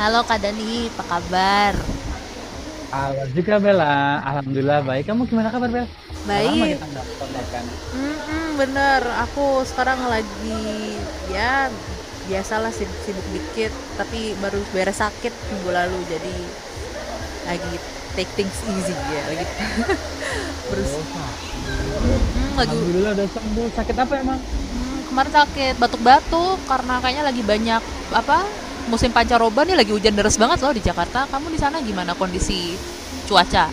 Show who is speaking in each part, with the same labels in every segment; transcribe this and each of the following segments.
Speaker 1: Halo Kak Dani, apa kabar?
Speaker 2: Halo juga Bella, alhamdulillah baik. Kamu gimana kabar, Bel? Udah lama
Speaker 1: Baik,
Speaker 2: kita nggak kontekan.
Speaker 1: bener. Aku sekarang lagi ya biasalah sibuk-sibuk dikit, tapi baru beres sakit minggu lalu, jadi lagi take things easy ya, lagi terus
Speaker 2: Oh sakit.
Speaker 1: Lagi
Speaker 2: Alhamdulillah udah sembuh. Sakit apa emang?
Speaker 1: kemarin sakit batuk-batuk karena kayaknya lagi banyak apa musim pancaroba nih, lagi hujan deras banget loh di Jakarta. Kamu di sana gimana kondisi cuaca?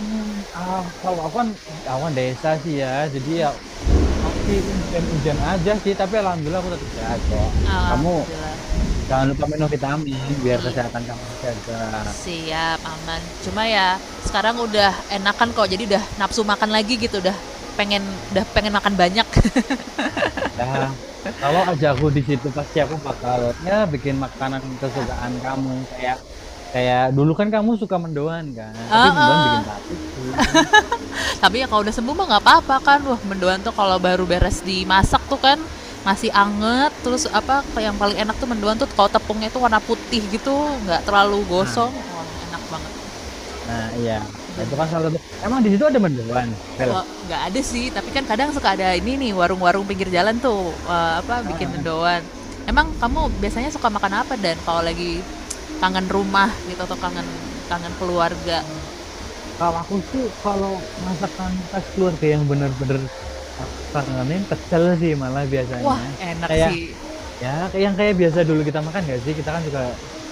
Speaker 2: Hmm, kalau aku kan awan desa sih ya, jadi ya masih hujan-hujan aja sih. Tapi alhamdulillah aku tetap sehat kok. Kamu
Speaker 1: Alhamdulillah.
Speaker 2: jangan lupa minum vitamin biar
Speaker 1: Iya.
Speaker 2: kesehatan kamu terjaga.
Speaker 1: Siap, aman. Cuma ya sekarang udah enakan kok. Jadi udah nafsu makan lagi gitu, pengen udah pengen makan banyak.
Speaker 2: Ya, kalau aja aku di situ pasti aku bakal ya bikin makanan kesukaan kamu kayak Kayak dulu kan kamu suka mendoan kan, tapi mendoan bikin
Speaker 1: Heeh.
Speaker 2: batik sih.
Speaker 1: Tapi ya kalau udah sembuh mah nggak apa-apa kan. Wah, mendoan tuh kalau baru beres
Speaker 2: Hmm.
Speaker 1: dimasak tuh kan masih anget, terus apa yang paling enak tuh mendoan tuh kalau tepungnya tuh warna putih gitu, nggak terlalu
Speaker 2: Nah,
Speaker 1: gosong, wah enak banget,
Speaker 2: nah, iya, Nah, itu kan salah satu.
Speaker 1: bener.
Speaker 2: Emang di situ ada mendoan, Bel.
Speaker 1: Nggak ada sih, tapi kan kadang suka ada ini nih warung-warung pinggir jalan tuh apa
Speaker 2: Ah,
Speaker 1: bikin
Speaker 2: ah.
Speaker 1: mendoan. Emang kamu biasanya suka makan apa dan kalau lagi kangen rumah gitu atau kangen kangen keluarga?
Speaker 2: Kalau aku sih, kalau masakan khas keluarga yang bener-bener aku kangenin, pecel sih malah
Speaker 1: Wah,
Speaker 2: biasanya.
Speaker 1: enak
Speaker 2: Kayak
Speaker 1: sih.
Speaker 2: ya, kayak yang kayak biasa dulu kita makan gak sih? Kita kan suka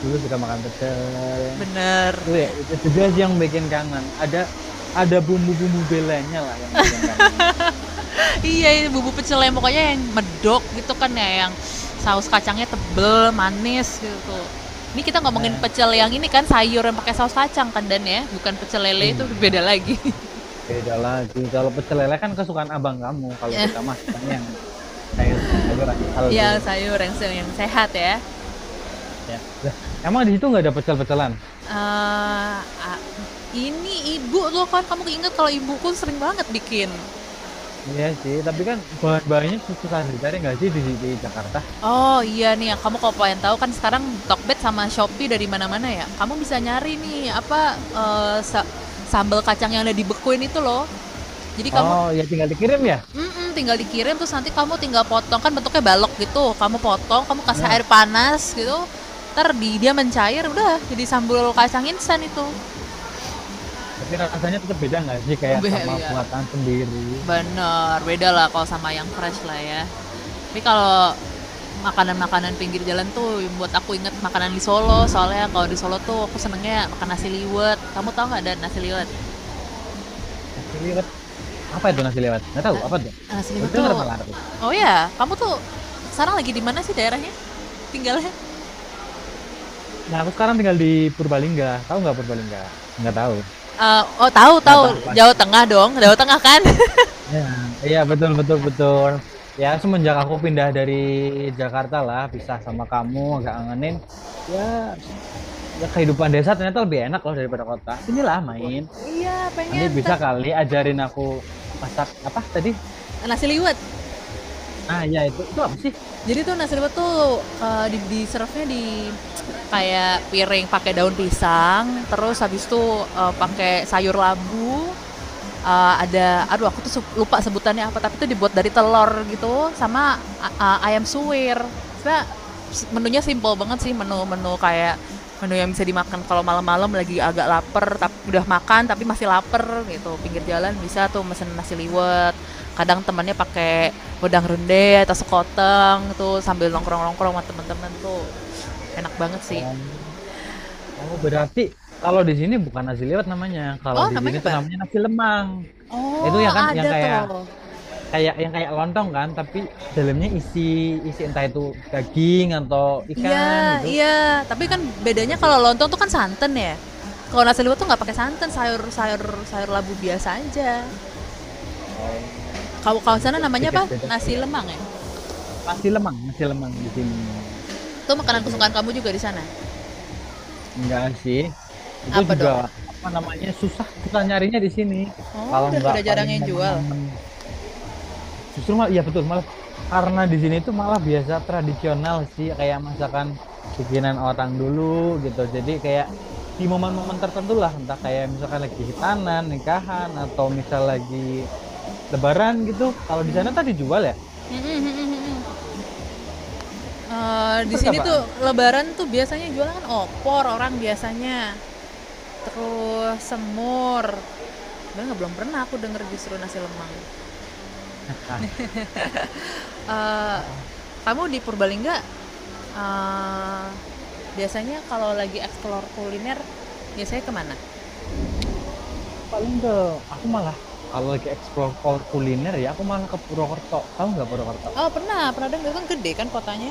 Speaker 2: dulu suka makan pecel.
Speaker 1: Bener.
Speaker 2: Itu ya, itu juga sih yang bikin kangen. Ada bumbu-bumbu belenya lah yang bikin kangen.
Speaker 1: Iya, ini bumbu pecel yang pokoknya yang medok gitu kan ya, yang saus kacangnya tebel, manis gitu. Ini kita ngomongin
Speaker 2: Nah,
Speaker 1: pecel yang
Speaker 2: betul.
Speaker 1: ini kan sayur yang pakai saus kacang kan, dan ya, bukan pecel lele, itu beda
Speaker 2: Iya.
Speaker 1: lagi.
Speaker 2: Beda lagi. Kalau pecel lele kan kesukaan abang kamu. Kalau
Speaker 1: ya,
Speaker 2: kita masukannya yang sayur-sayuran yang healthy.
Speaker 1: ya sayur yang sehat ya.
Speaker 2: Ya. Lah, emang di situ nggak ada pecel-pecelan?
Speaker 1: Eee, a Ini ibu lo kan, kamu keinget kalau ibuku sering banget bikin.
Speaker 2: Iya sih, tapi kan bahan-bahannya susah dicari nggak sih di Jakarta?
Speaker 1: Oh iya nih, ya. Kamu kalau pengen tahu kan sekarang Tokped sama Shopee dari mana-mana ya, kamu bisa nyari nih apa, eee, sa sambel kacang yang udah dibekuin itu loh. Jadi kamu
Speaker 2: Oh, ya tinggal dikirim ya?
Speaker 1: mhm, tinggal dikirim terus nanti kamu tinggal potong, kan bentuknya balok gitu, kamu potong, kamu kasih
Speaker 2: Heeh.
Speaker 1: air panas gitu, entar di dia mencair udah jadi sambal kacang instan itu.
Speaker 2: Tapi rasanya tetap beda nggak sih kayak sama
Speaker 1: Iya.
Speaker 2: buatan sendiri gitu.
Speaker 1: Bener, beda lah kalau sama yang fresh lah ya. Tapi kalau makanan-makanan pinggir jalan tuh yang buat aku inget makanan di Solo. Soalnya kalau di Solo tuh aku senengnya makan nasi liwet. Kamu tau nggak ada nasi liwet?
Speaker 2: Nasi liwet. Apa itu nasi liwet? Nggak tahu,
Speaker 1: Nah,
Speaker 2: apa tuh?
Speaker 1: nasi
Speaker 2: Baru
Speaker 1: liwet
Speaker 2: denger
Speaker 1: tuh,
Speaker 2: malah aku.
Speaker 1: oh ya, kamu tuh sekarang lagi di mana sih daerahnya? Tinggalnya?
Speaker 2: Nah, aku sekarang tinggal di Purbalingga. Tahu nggak Purbalingga? Nggak tahu.
Speaker 1: Oh tahu
Speaker 2: Nggak
Speaker 1: tahu,
Speaker 2: tahu
Speaker 1: Jawa
Speaker 2: pasti.
Speaker 1: Tengah dong, Jawa Tengah kan?
Speaker 2: Iya, iya, betul betul betul. Ya semenjak aku pindah dari Jakarta lah, pisah sama kamu agak ngangenin. Ya, ya kehidupan desa ternyata lebih enak loh daripada kota. Sinilah main.
Speaker 1: Iya
Speaker 2: Nanti
Speaker 1: pengen
Speaker 2: bisa kali ajarin aku masak apa tadi?
Speaker 1: nasi liwet.
Speaker 2: Nah, ya itu apa sih?
Speaker 1: Jadi tuh nasi liwet tuh di serve-nya di kayak piring pakai daun pisang, terus habis itu pakai sayur labu. Eh, ada Aduh, aku tuh lupa sebutannya apa, tapi itu dibuat dari telur gitu sama ayam suwir. Sebenarnya menunya simple banget sih, menu-menu kayak menu yang bisa dimakan kalau malam-malam lagi agak lapar tapi udah makan tapi masih lapar gitu, pinggir jalan bisa tuh mesen nasi liwet, kadang temannya pakai wedang ronde atau sekoteng tuh sambil nongkrong-nongkrong sama temen-temen tuh enak banget sih.
Speaker 2: Oh, oh berarti kalau di sini bukan nasi liwet namanya. Kalau
Speaker 1: Oh,
Speaker 2: di sini
Speaker 1: namanya
Speaker 2: tuh
Speaker 1: apa?
Speaker 2: namanya nasi lemang. Itu
Speaker 1: Oh
Speaker 2: ya kan yang
Speaker 1: ada
Speaker 2: kayak
Speaker 1: tuh,
Speaker 2: kayak yang kayak lontong kan, tapi dalamnya isi isi entah itu daging atau
Speaker 1: iya
Speaker 2: ikan gitu.
Speaker 1: iya, tapi
Speaker 2: Nah,
Speaker 1: kan bedanya
Speaker 2: seperti
Speaker 1: kalau lontong tuh kan santan ya, kalau nasi liwet tuh nggak pakai santan, sayur sayur sayur labu biasa aja.
Speaker 2: oh
Speaker 1: Kalau
Speaker 2: ya
Speaker 1: kalau sana
Speaker 2: mungkin
Speaker 1: namanya
Speaker 2: sedikit
Speaker 1: apa?
Speaker 2: beda kali
Speaker 1: Nasi
Speaker 2: ya.
Speaker 1: lemang ya.
Speaker 2: Nasi lemang di sini.
Speaker 1: Itu makanan
Speaker 2: Jadi
Speaker 1: kesukaan kamu juga di sana.
Speaker 2: enggak sih. Itu
Speaker 1: Apa
Speaker 2: juga
Speaker 1: dong?
Speaker 2: apa namanya susah nyarinya di sini.
Speaker 1: Oh,
Speaker 2: Kalau enggak
Speaker 1: udah jarang
Speaker 2: paling
Speaker 1: yang jual.
Speaker 2: momen-momen justru malah ya betul malah karena di sini itu malah biasa tradisional sih kayak masakan bikinan orang dulu gitu. Jadi kayak di momen-momen tertentu lah entah kayak misalkan lagi hitanan, nikahan atau misal lagi lebaran gitu. Kalau di sana tadi jual ya?
Speaker 1: Mm, mm, mm, mm, mm. Eh,
Speaker 2: Itu
Speaker 1: di sini tuh
Speaker 2: berapaan.
Speaker 1: lebaran tuh biasanya jualan kan opor orang biasanya. Terus semur. Bener nggak? Belum pernah aku denger justru nasi lemang. Eh,
Speaker 2: Ah,
Speaker 1: kamu di Purbalingga eh, biasanya kalau lagi eksplor kuliner biasanya kemana?
Speaker 2: paling ke aku malah kalau lagi explore kuliner ya aku malah ke Purwokerto, tahu nggak Purwokerto?
Speaker 1: Oh pernah, pernah dengar kan, gede kan kotanya.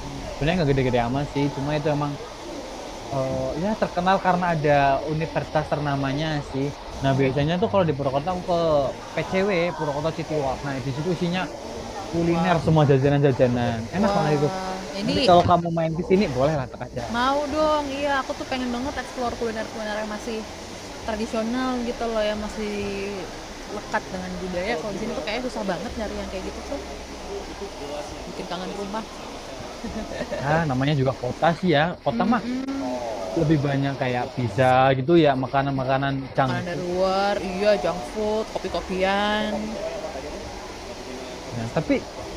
Speaker 2: Hmm, sebenarnya nggak gede-gede amat sih, cuma itu emang ya terkenal karena ada universitas ternamanya sih. Nah biasanya tuh kalau di Purwokerto aku ke PCW, Purwokerto City Walk. Nah di situ isinya kuliner semua,
Speaker 1: Wow.
Speaker 2: jajanan-jajanan enak banget itu.
Speaker 1: Wah,
Speaker 2: Nanti
Speaker 1: ini
Speaker 2: kalau kamu main ke sini boleh lah tak aja.
Speaker 1: mau dong, iya aku tuh pengen banget explore kuliner-kuliner yang masih tradisional gitu loh, yang masih lekat dengan budaya. Kalau di sini tuh kayaknya susah banget nyari yang kayak gitu tuh, bikin kangen rumah.
Speaker 2: Ya namanya juga kota sih, ya kota mah
Speaker 1: Mhm.
Speaker 2: lebih banyak kayak pizza gitu ya, makanan-makanan junk
Speaker 1: Makanan dari
Speaker 2: food.
Speaker 1: luar, iya junk food, kopi-kopian.
Speaker 2: Nah,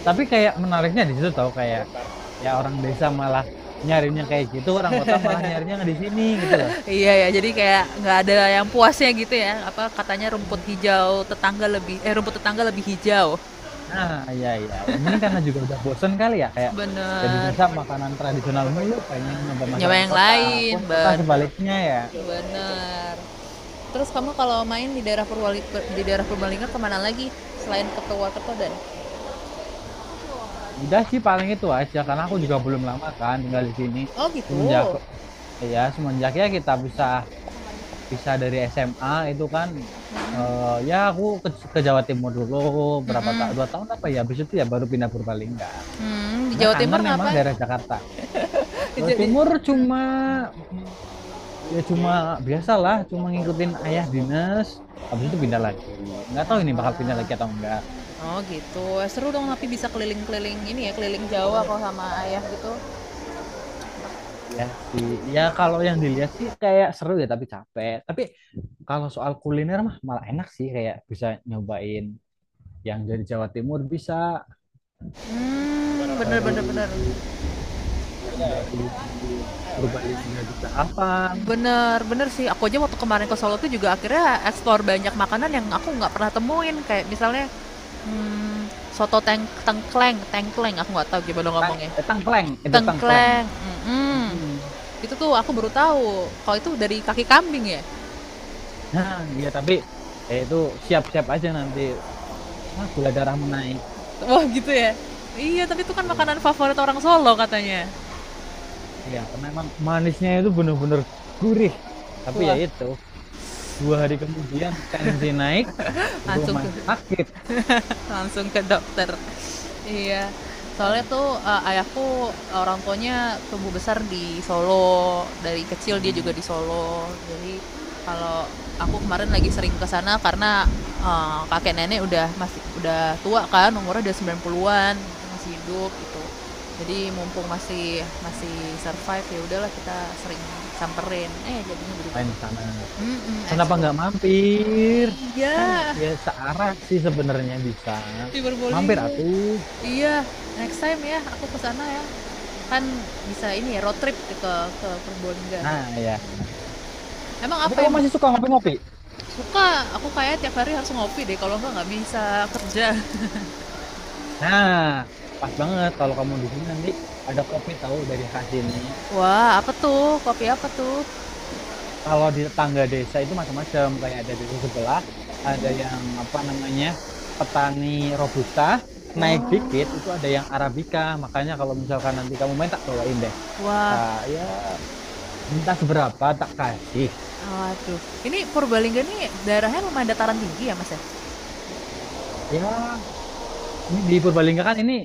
Speaker 2: tapi kayak menariknya di situ tahu kayak ya orang desa malah nyarinya kayak gitu, orang kota malah nyarinya nggak di sini gitu lah.
Speaker 1: Iya ya, jadi kayak nggak ada yang puasnya gitu ya. Apa katanya rumput
Speaker 2: Hmm.
Speaker 1: hijau tetangga lebih, eh, rumput tetangga lebih hijau.
Speaker 2: Nah, ya ya ya mungkin karena juga udah bosen kali ya, kayak ya di
Speaker 1: Bener.
Speaker 2: desa makanan tradisional mulu pengen nyoba
Speaker 1: Nyawa
Speaker 2: masakan
Speaker 1: yang
Speaker 2: kota.
Speaker 1: lain,
Speaker 2: Pun kota
Speaker 1: bener.
Speaker 2: sebaliknya ya.
Speaker 1: Bener. Terus kamu kalau main di daerah Purwali di daerah Purbalingga kemana lagi selain ke Purwakarta?
Speaker 2: Udah sih paling itu aja karena aku juga belum lama kan tinggal di sini.
Speaker 1: Oh
Speaker 2: Semenjak
Speaker 1: gitu.
Speaker 2: semenjak ya kita bisa bisa dari SMA itu kan.
Speaker 1: Mm-mm.
Speaker 2: Ya aku ke Jawa Timur dulu berapa
Speaker 1: Mm-mm.
Speaker 2: tahun, 2 tahun apa ya, habis itu ya baru pindah Purbalingga.
Speaker 1: Hmm, di
Speaker 2: Sebenarnya
Speaker 1: Jawa Timur
Speaker 2: kangen emang
Speaker 1: ngapain?
Speaker 2: daerah Jakarta. Jawa
Speaker 1: Jadi,
Speaker 2: Timur cuma ya cuma biasalah cuma ngikutin ayah dinas habis itu pindah lagi. Nggak tahu ini bakal pindah
Speaker 1: ah,
Speaker 2: lagi atau enggak.
Speaker 1: oh gitu. Seru dong tapi bisa keliling-keliling ini ya, keliling Jawa kalau sama ayah gitu.
Speaker 2: Ya sih, ya kalau yang dilihat sih kayak seru ya tapi capek. Tapi kalau soal kuliner mah malah enak sih, kayak bisa nyobain yang dari Jawa Timur, bisa
Speaker 1: Hmm, bener
Speaker 2: dari
Speaker 1: bener bener.
Speaker 2: yang dari Purbalingga juga hafal.
Speaker 1: Bener bener sih. Aku aja waktu kemarin ke Solo tuh juga akhirnya explore banyak makanan yang aku nggak pernah temuin kayak misalnya hmm, soto tengkleng, tengkleng aku nggak tahu gimana
Speaker 2: Tang,
Speaker 1: ngomongnya.
Speaker 2: tangkleng, itu tangkleng.
Speaker 1: Tengkleng, mhm.
Speaker 2: Mm-mm.
Speaker 1: Itu tuh aku baru tahu, kalau itu dari kaki kambing ya?
Speaker 2: Nah, iya tapi itu siap-siap aja nanti. Wah, gula darah menaik.
Speaker 1: Wah gitu ya? Iya, tapi itu kan
Speaker 2: Iya,
Speaker 1: makanan favorit orang Solo katanya.
Speaker 2: iya karena emang manisnya itu bener-bener gurih. Tapi ya
Speaker 1: Wah,
Speaker 2: itu, dua hari kemudian tensi naik,
Speaker 1: langsung
Speaker 2: rumah
Speaker 1: tuh
Speaker 2: sakit
Speaker 1: langsung ke dokter. Iya, soalnya
Speaker 2: kayaknya.
Speaker 1: tuh eh, ayahku orang tuanya tumbuh besar di Solo, dari kecil dia juga
Speaker 2: Mm,
Speaker 1: di Solo. Jadi kalau aku kemarin lagi sering ke sana karena eh, kakek nenek udah masih udah tua kan, umurnya udah 90-an, masih hidup gitu. Jadi mumpung masih
Speaker 2: main
Speaker 1: masih survive ya udahlah kita sering samperin. Jadinya jadi
Speaker 2: main
Speaker 1: banyak.
Speaker 2: di sana.
Speaker 1: Mm-mm,
Speaker 2: Kenapa
Speaker 1: explore.
Speaker 2: nggak mampir? Kan
Speaker 1: Iya,
Speaker 2: ya searah sih sebenarnya bisa.
Speaker 1: cyberbullying
Speaker 2: Mampir
Speaker 1: gue.
Speaker 2: atuh.
Speaker 1: Iya, next time ya aku ke sana ya. Kan bisa ini ya road trip ke Purbalingga.
Speaker 2: Nah, ya.
Speaker 1: Emang
Speaker 2: Tapi
Speaker 1: apa
Speaker 2: kamu
Speaker 1: yang
Speaker 2: masih suka ngopi-ngopi?
Speaker 1: suka? Aku kayak tiap hari harus ngopi deh, kalau enggak nggak bisa kerja.
Speaker 2: Nah, pas banget kalau kamu di sini nanti ada kopi tahu dari khas ini.
Speaker 1: Wah, apa tuh? Kopi apa tuh?
Speaker 2: Kalau di tetangga desa itu macam-macam, kayak ada desa sebelah, ada yang apa namanya petani robusta, naik dikit itu
Speaker 1: Wow.
Speaker 2: ada yang arabica. Makanya kalau misalkan nanti kamu main tak bawain deh.
Speaker 1: Wah,
Speaker 2: Tak ya minta seberapa tak kasih.
Speaker 1: waduh. Ini Purbalingga nih daerahnya lumayan dataran tinggi ya, Mas ya?
Speaker 2: Ya ini di Purbalingga kan ini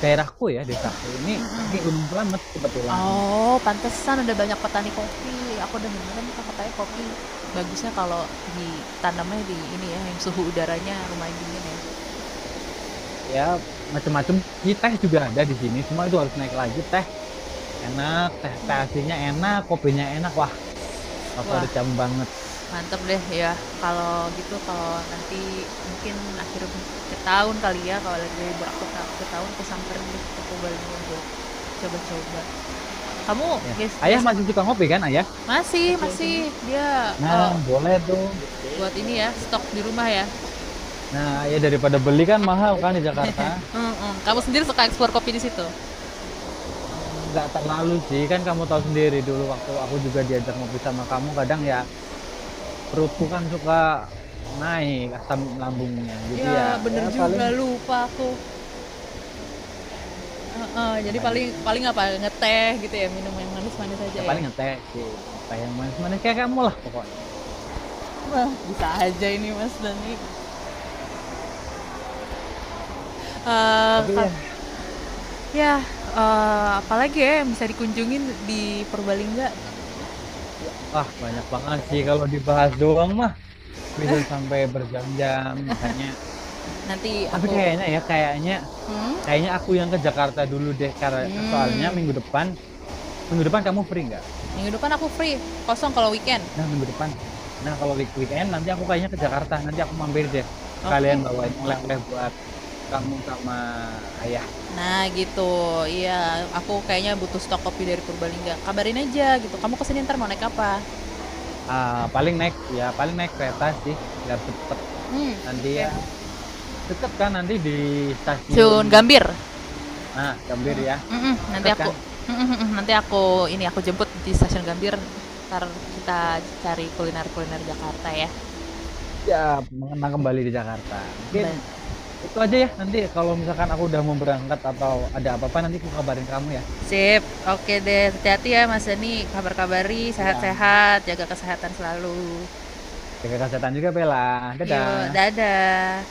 Speaker 2: daerahku ya desaku ini kaki Gunung Slamet kebetulan.
Speaker 1: Oh, pantesan ada banyak petani kopi. Aku udah dengerin katanya kopi bagusnya kalau ditanamnya di ini ya, yang suhu udaranya lumayan dingin ya.
Speaker 2: Ya macam-macam sih, teh juga ada di sini cuma itu harus naik lagi. Teh enak, teh teh aslinya enak, kopinya enak, wah
Speaker 1: Wah,
Speaker 2: favorit kamu banget.
Speaker 1: mantep deh ya. Kalau gitu, kalau nanti mungkin akhir akhir tahun kali ya, kalau lagi libur aku akhir tahun aku samperin deh ke Purbalingga buat coba-coba. Kamu
Speaker 2: Ya ayah
Speaker 1: biasa
Speaker 2: masih suka ngopi kan ayah,
Speaker 1: masih masih dia
Speaker 2: nah boleh tuh.
Speaker 1: buat ini ya, stok di rumah ya.
Speaker 2: Nah ya daripada beli kan mahal kan di Jakarta.
Speaker 1: Mm-mm. Kamu sendiri suka ekspor kopi di situ?
Speaker 2: Nggak terlalu sih, kan kamu tahu sendiri dulu waktu aku juga diajak ngopi sama kamu kadang ya perutku kan suka naik asam lambungnya, jadi ya
Speaker 1: Ya
Speaker 2: ya
Speaker 1: bener
Speaker 2: paling
Speaker 1: juga, lupa aku. Heeh, jadi
Speaker 2: makanya
Speaker 1: paling paling apa ngeteh gitu ya, minum yang manis-manis aja
Speaker 2: ya
Speaker 1: ya.
Speaker 2: paling ngeteh sih, ngeteh yang manis-manis kayak kamu lah pokoknya.
Speaker 1: Wah bisa aja ini Mas Dani.
Speaker 2: Tapi
Speaker 1: Eh,
Speaker 2: ya
Speaker 1: ya apalagi ya yang bisa dikunjungin di Purbalingga?
Speaker 2: wah, banyak banget sih kalau dibahas doang mah bisa sampai berjam-jam makanya.
Speaker 1: Nanti
Speaker 2: Tapi
Speaker 1: aku
Speaker 2: kayaknya ya kayaknya
Speaker 1: mhm.
Speaker 2: kayaknya aku yang ke Jakarta dulu deh karena soalnya
Speaker 1: mmm,
Speaker 2: minggu depan, minggu depan kamu free nggak?
Speaker 1: Minggu depan aku free, kosong kalau weekend.
Speaker 2: Nah minggu depan. Nah kalau weekend nanti aku kayaknya ke Jakarta, nanti aku mampir deh sekalian
Speaker 1: Oke.
Speaker 2: bawain oleh-oleh buat kamu sama ayah.
Speaker 1: Nah gitu, iya aku kayaknya butuh stok kopi dari Purbalingga. Kabarin aja gitu, kamu kesini ntar mau naik apa?
Speaker 2: Ah, paling naik ya paling naik kereta sih biar cepet.
Speaker 1: Mmm,
Speaker 2: Nanti
Speaker 1: oke.
Speaker 2: ya deket kan nanti di stasiun.
Speaker 1: Stasiun Gambir?
Speaker 2: Nah Gambir ya,
Speaker 1: Mhm, nanti
Speaker 2: deket
Speaker 1: aku
Speaker 2: kan?
Speaker 1: mhm mhm, nanti aku jemput di Stasiun Gambir, ntar kita
Speaker 2: Oke.
Speaker 1: cari kuliner-kuliner Jakarta ya.
Speaker 2: Ya, mengenang kembali di Jakarta. Mungkin
Speaker 1: Ba
Speaker 2: itu aja ya. Nanti kalau misalkan aku udah mau berangkat atau ada apa-apa, nanti aku kabarin kamu ya.
Speaker 1: Sip, oke deh. Hati-hati ya Mas Dani, kabar-kabari,
Speaker 2: Ya,
Speaker 1: sehat-sehat, jaga kesehatan selalu.
Speaker 2: jaga kesehatan juga, Bella.
Speaker 1: Yuk,
Speaker 2: Dadah.
Speaker 1: dadah.